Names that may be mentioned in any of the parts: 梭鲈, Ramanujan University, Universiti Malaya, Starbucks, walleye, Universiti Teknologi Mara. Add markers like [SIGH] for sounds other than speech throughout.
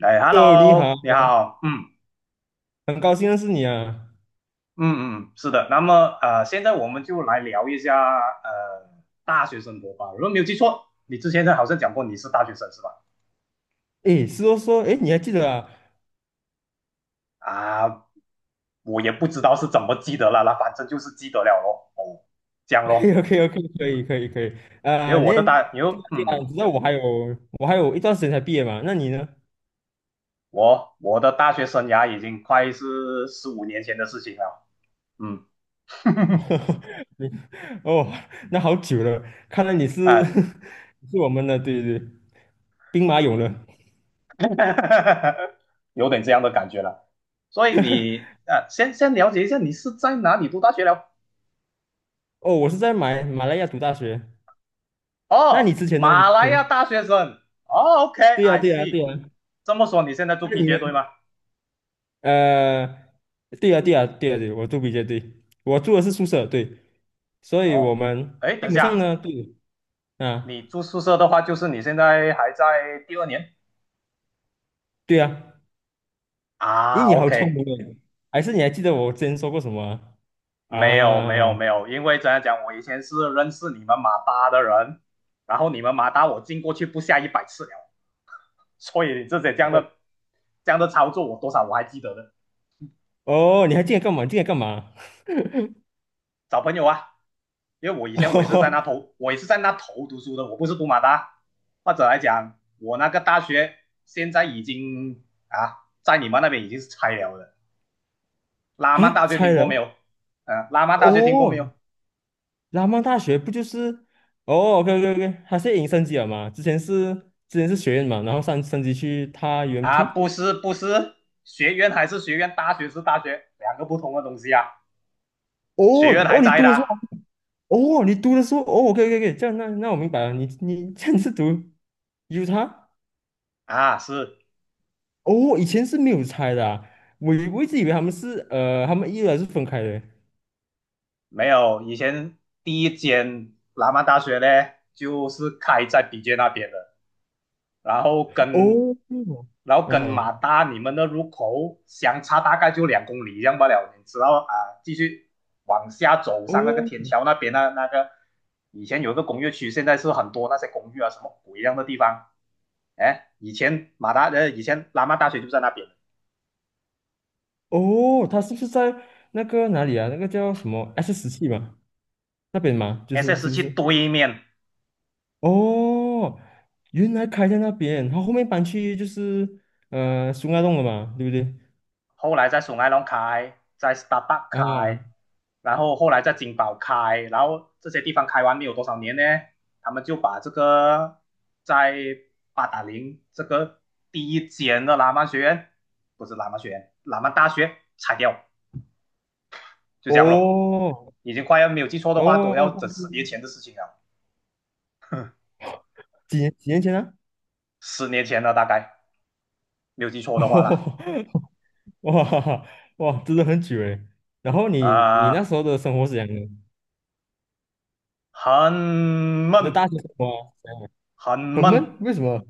哎哦，你好，，Hello，你好，嗯很高兴认识你啊。嗯嗯，是的。那么现在我们就来聊一下呃大学生活吧。如果没有记错，你之前好像讲过你是大学生是吧？诶，是说，诶，你还记得啊啊，我也不知道是怎么记得了啦，反正就是记得了咯。哦，这样咯。？OK，OK，OK，[LAUGHS] 可以，可以，可以。啊，那因为对啊，对啊，你知道我还有一段时间才毕业嘛？那你呢？我的大学生涯已经快是15年前的事情了。嗯，[LAUGHS] [LAUGHS] 你哦，那好久了，看来你是 [LAUGHS] 哎，是我们的，对对对，兵马俑了。[LAUGHS] 有点这样的感觉了。所以你先了解一下你是在哪里读大学了？哦，我是在马来亚读大学。那你哦，之前呢？你马之来亚前？大学生。哦对呀，，OK，I 对呀，对 see。呀。这么说你现在住 那你 PJ 呢？对吗？呃，对啊，对啊，对啊，对，我住比较对，我住的是宿舍，对，所以哦，我们哎，基等一本下，上呢，对啊，你住宿舍的话，就是你现在还在第二年对啊，咦，啊你好聪？OK，明诶，还是你还记得我之前说过什么啊？没有没有啊没有。因为怎样讲，我以前是认识你们马大的人，然后你们马大我进过去不下一百次了，所以这些这样哦的这样的操作，我多少还记得的。哦，你还记得干嘛？你记得干嘛？找朋友啊，因为我以前我也是在 [LAUGHS] 那头，我也是在那头读书的，我不是读马大。或者来讲，我那个大学现在已经啊，在你们那边已经是拆了的。拉曼啊，大学猜听过没了有？拉曼大学听过没哦，有？拉曼大学不就是哦？OK OK OK，它是已经升级了嘛？之前是学院嘛，然后上升级去它 啊，UMT。不是不是。学院还是学院，大学是大学，两个不同的东西啊。学哦院还哦，你在的读的时啊。候。哦，OK，OK，OK，这样那我明白了，你 [LAUGHS] 这样是读有 t 啊，是。哦，以前是没有拆的啊，我一直以为他们是呃，他们依然是分开的。没有。以前第一间拉曼大学呢，就是开在比杰那边的。然后跟哦，嗯，马达你们的入口相差大概就2公里这样罢了，你知道啊。继续往下走上那个哦天桥那边那个以前有一个工业区，现在是很多那些公寓啊什么鬼一样的地方。哎，以前马达的以前拉曼大学就在那边哦，他是不是在那个哪里啊？那个叫什么 S 十七嘛？那边嘛，就是是，SS 不七是？对面。哦，原来开在那边，他后面搬去就是呃苏家洞了嘛，对不对？后来在松爱龙开，在 Starbucks 开，啊，然后后来在金宝开。然后这些地方开完没有多少年呢，他们就把这个在八达岭这个第一间的喇嘛学院，不是喇嘛学院，喇嘛大学拆掉，就这样咯。哦已经快，要没有记错的话，都要哦，整10年前的事情了，几年前啊？十年前了大概，没有记错的话啦。哦，[LAUGHS] 哇哇，真的很久诶。然后你啊、那呃时候的生活是怎样的？你很的闷，大学生活啊很很闷。闷，为什么？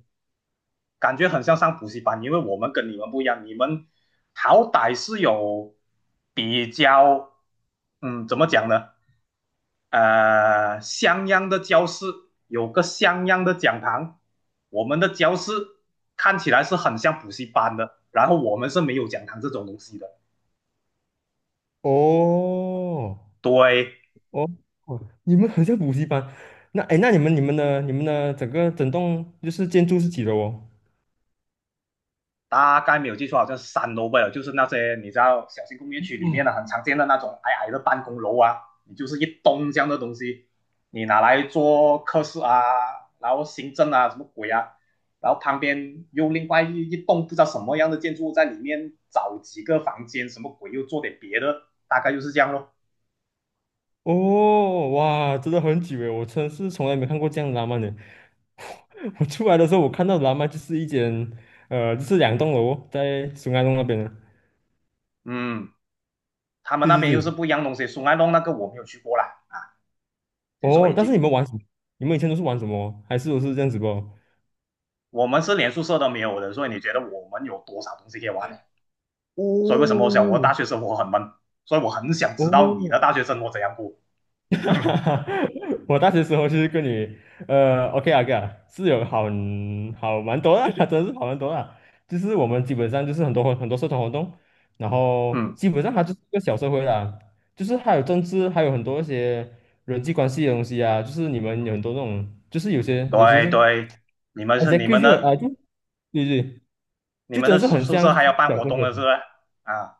感觉很像上补习班，因为我们跟你们不一样。你们好歹是有比较，怎么讲呢？像样的教室，有个像样的讲堂。我们的教室看起来是很像补习班的，然后我们是没有讲堂这种东西的。哦对。哦哦，你们很像补习班。那哎，诶那你们的整栋就是建筑是几楼哦？大概没有记错，好像是3楼吧，就是那些你知道小型工业区里面的很常见的那种矮矮的办公楼啊，你就是一栋这样的东西。你拿来做科室啊，然后行政啊，什么鬼啊，然后旁边又另外一栋不知道什么样的建筑在里面找几个房间，什么鬼又做点别的，大概就是这样咯。哦，哇，真的很久诶，我真是从来没看过这样的拉曼的。[LAUGHS] 我出来的时候，我看到的拉曼就是一间呃，就是两栋楼哦在 SUN 洞那边的。嗯，他们对那边对又是不对，一样的东西，松安洞那个我没有去过啦。先说哦，一但是你句，们玩什么？你们以前都是玩什么？还是都是这样子不？我们是连宿舍都没有的，所以你觉得我们有多少东西可以玩呢？所以为什么我想我的哦，大学生活很闷？所以我很想知道你的哦，大学生活怎样过。[LAUGHS] 哈哈 [LAUGHS] 哈我大学时候就是跟你，呃，OK 啊，OK 啊是好蛮多的，[LAUGHS] 真的是好蛮多的。就是我们基本上就是很多很多社团活动，然后嗯，基本上它就是一个小社会啦，就是还有政治，还有很多一些人际关系的东西啊。就是你们有很多那种，就是有些有时对是对。你们而是且你们就的啊就对对，你就们真的的是宿很宿像舍还要办讲活社动了是不会。是？啊，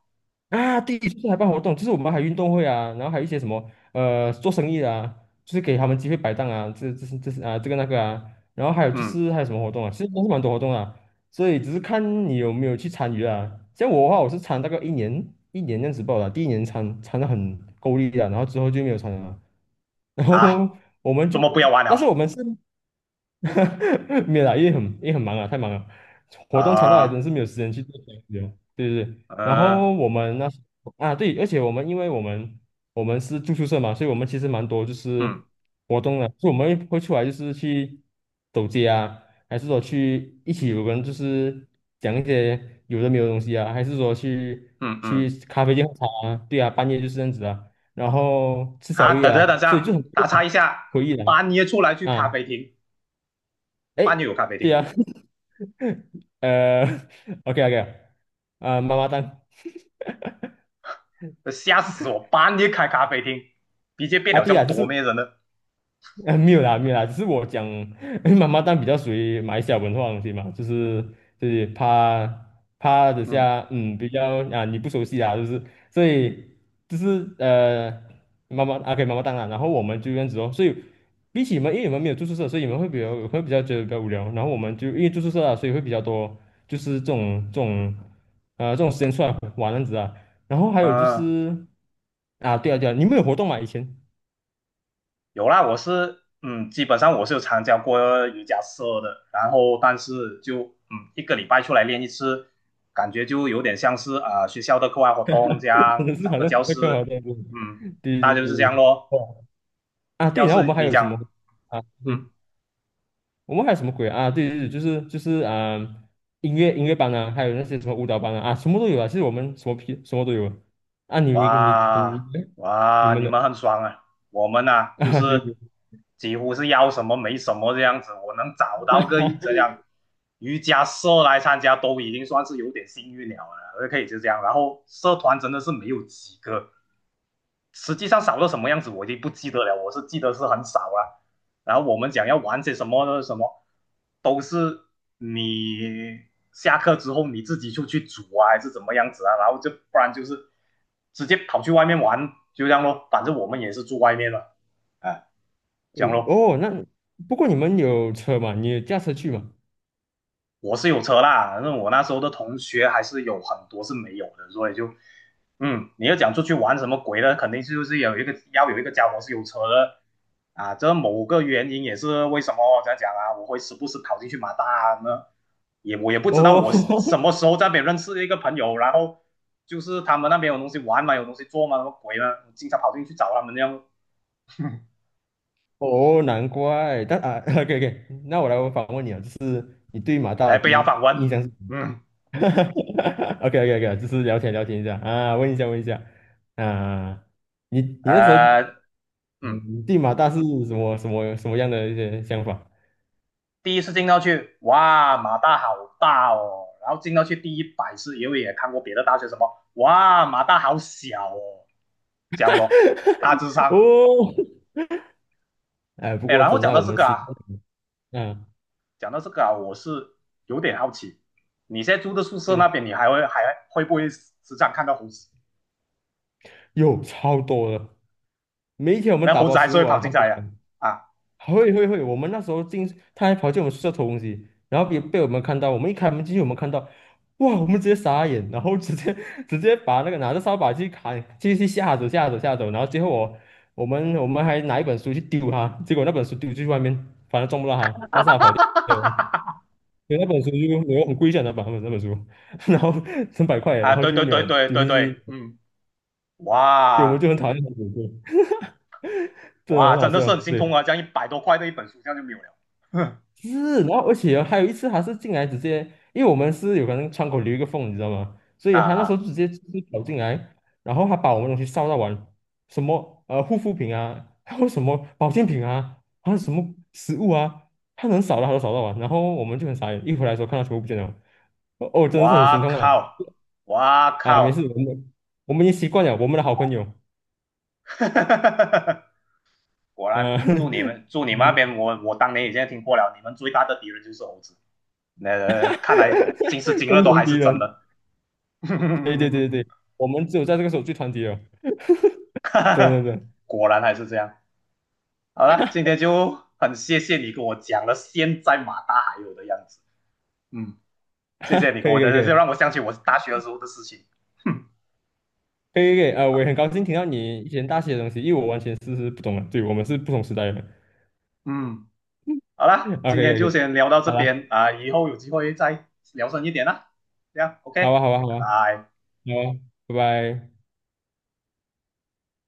啊，第一次还办活动就是我们还运动会啊，然后还有一些什么呃做生意的啊，就是给他们机会摆档啊，这是啊这个那个啊，然后还有就嗯是还有什么活动啊，其实都是蛮多活动啊，所以只是看你有没有去参与啊。像我的话，我是参大概一年一年这样子报的啊，第一年参的很够力啊，然后之后就没有参了啊，[LAUGHS] 然后啊，我们周就，末不要玩但是我了们是。[LAUGHS] 没有啦，因为很也很忙啊，太忙了，活动长到来，啊。真是没有时间去做这些东西哦对对对，然呃，后我们那时啊对，而且我们因为我们我们是住宿舍嘛，所以我们其实蛮多就嗯是活动的，就我们会出来就是去走街啊，还是说去一起有人就是讲一些有的没有的东西啊，还是说去嗯去嗯，咖啡店喝茶啊，对啊，半夜就是这样子啊，然后吃啊，宵夜等下啊，等所以就下，很打岔一下。可以的半夜出来去啊。咖啡厅，哎，半夜有咖啡对厅，啊，[LAUGHS] 呃，OK OK，啊、妈妈蛋，吓死我！半夜开咖啡厅，直接变啊，了对啊，像就多是面人了。呃，没有啦，没有啦，只是我讲，[LAUGHS] 妈妈蛋比较属于买小文化的东西嘛，就是怕等嗯下，嗯，比较啊你不熟悉啊，就是所以就是呃，妈妈啊给妈妈蛋啊，然后我们就这样子哦，所以比起你们，因为你们没有住宿舍，所以你们会比较会比较觉得比较无聊，然后我们就因为住宿舍啊，所以会比较多就是这种时间出来玩这样子啊，然后还有就啊。是啊对啊对啊，你们有活动吗以前？有啦。我是嗯，基本上我是有参加过瑜伽社的，然后但是就一个礼拜出来练一次，感觉就有点像是学校的课外活动这真样，的是找好个像是教在干嘛室。这样子嗯，对大对概就是对这对，样咯。哦啊对，要然后我是们还你有什么讲。啊？对，嗯。我们还有什么鬼啊？啊对对对，就是就是啊、呃音乐班啊，还有那些什么舞蹈班啊，啊，什么都有啊。其实我们什么屁什么都有啊。啊你你你你哇，你你哇，们你们的 很爽啊！我们啊，[LAUGHS] 就啊，对是对几乎是要什么没什么这样子。我能找到个这样瑜伽社来参加，都已经算是有点幸运了，可以就这样。然后社团真的是没有几个，实际上少到什么样子我已经不记得了，我是记得是很少了。然后我们讲要玩些什么呢？什么都是你下课之后你自己出去煮啊，还是怎么样子啊？然后就不然就是直接跑去外面玩，就这样咯。反正我们也是住外面了，啊，这样对，咯。哦，那不过你们有车嘛？你有驾车去嘛？我是有车啦，那我那时候的同学还是有很多是没有的，所以就，你要讲出去玩什么鬼呢？肯定就是有一个要有一个家伙是有车的啊。这某个原因也是为什么这样讲啊，我会时不时跑进去马大呢？我也不知道哦 我什 [LAUGHS] 么时候在那边认识一个朋友，然后就是他们那边有东西玩嘛，有东西做嘛，什么鬼呢？我经常跑进去找他们这样。哦，难怪。但啊 [LAUGHS]，OK OK，那我来我反问你啊，就是你对马大哎，的被第要一访问。印象是？嗯，[LAUGHS] 哈哈哈 OK OK OK，就是聊天聊天一下啊，问一下问一下啊，你你那时候呃，嗯，嗯对马大是什么什么什么样的一些想法？第一次进到去，哇，马大好大哦。然后进到去第100次，因为也看过别的大学什么，哇，马大好小哦，讲样咯，大致 [LAUGHS] 上。哦，哎，不哎，过然后真讲的到我这们个西啊，啊，嗯讲到这个啊，我是有点好奇。你现在住的宿舍那对，边，你还会不会时常看到猴子？有超多的，每一天我们那打猴包子还食是物会跑啊，他进都来呀、啊？啊会会会，我们那时候进，他还跑进我们宿舍偷东西，然后被我们看到，我们一开门进去，我们看到，哇，我们直接傻眼，然后直接 [LAUGHS] 直接把那个拿着扫把去砍，去吓走吓走吓走，然后最后我们还拿一本书去丢他，结果那本书丢出去外面，反正撞不到他，但是他跑掉了，所以那本书就没有很贵价那本书，[LAUGHS] 然后成百块，然啊，后对就对没对有对丢对进对，去，嗯，所以我们就哇很讨厌那本书，真的哇，很好真的是笑，很心对。痛啊！这样100多块的一本书，这样就没有了。[LAUGHS] 哼是，然后而且哦还有一次，他是进来直接，因为我们是有可能窗口留一个缝，你知道吗？所啊以他那时候啊。就直接就是跑进来，然后他把我们东西烧到完，什么呃护肤品啊，还有什么保健品啊，还有什么食物啊，他能扫的他都扫到完，然后我们就很傻眼，一回来的时候看到全部不见了，哦，哦真的是很心哇痛啊！靠，哇啊，没事，靠，我们我们已经习惯了，我们的好朋友，[LAUGHS] 果然，呃，祝你们那边，[LAUGHS] 我当年已经听过了，你们最大的敌人就是猴子。那，看来今时今日共都同还敌是真人，的。[LAUGHS] 对对对对对，我们只有在这个时候最团结了，对对对，果然还是这样。好了，今天就很谢谢你跟我讲了现在马大还有的样子。嗯，谢谢你给可以我可以可的，就让我以。想起我大学的时候的事情。哼，可以可以，呃，我也很高兴听到你以前大学的东西，因为我完全是不懂的，对，我们是不同时代的人。嗯。好啦，[LAUGHS] OK 今 OK 天就 OK，先聊到这好了，边啊。以后有机会再聊深一点啦。这样好，OK，吧好吧好吧，拜拜。好啊，拜拜。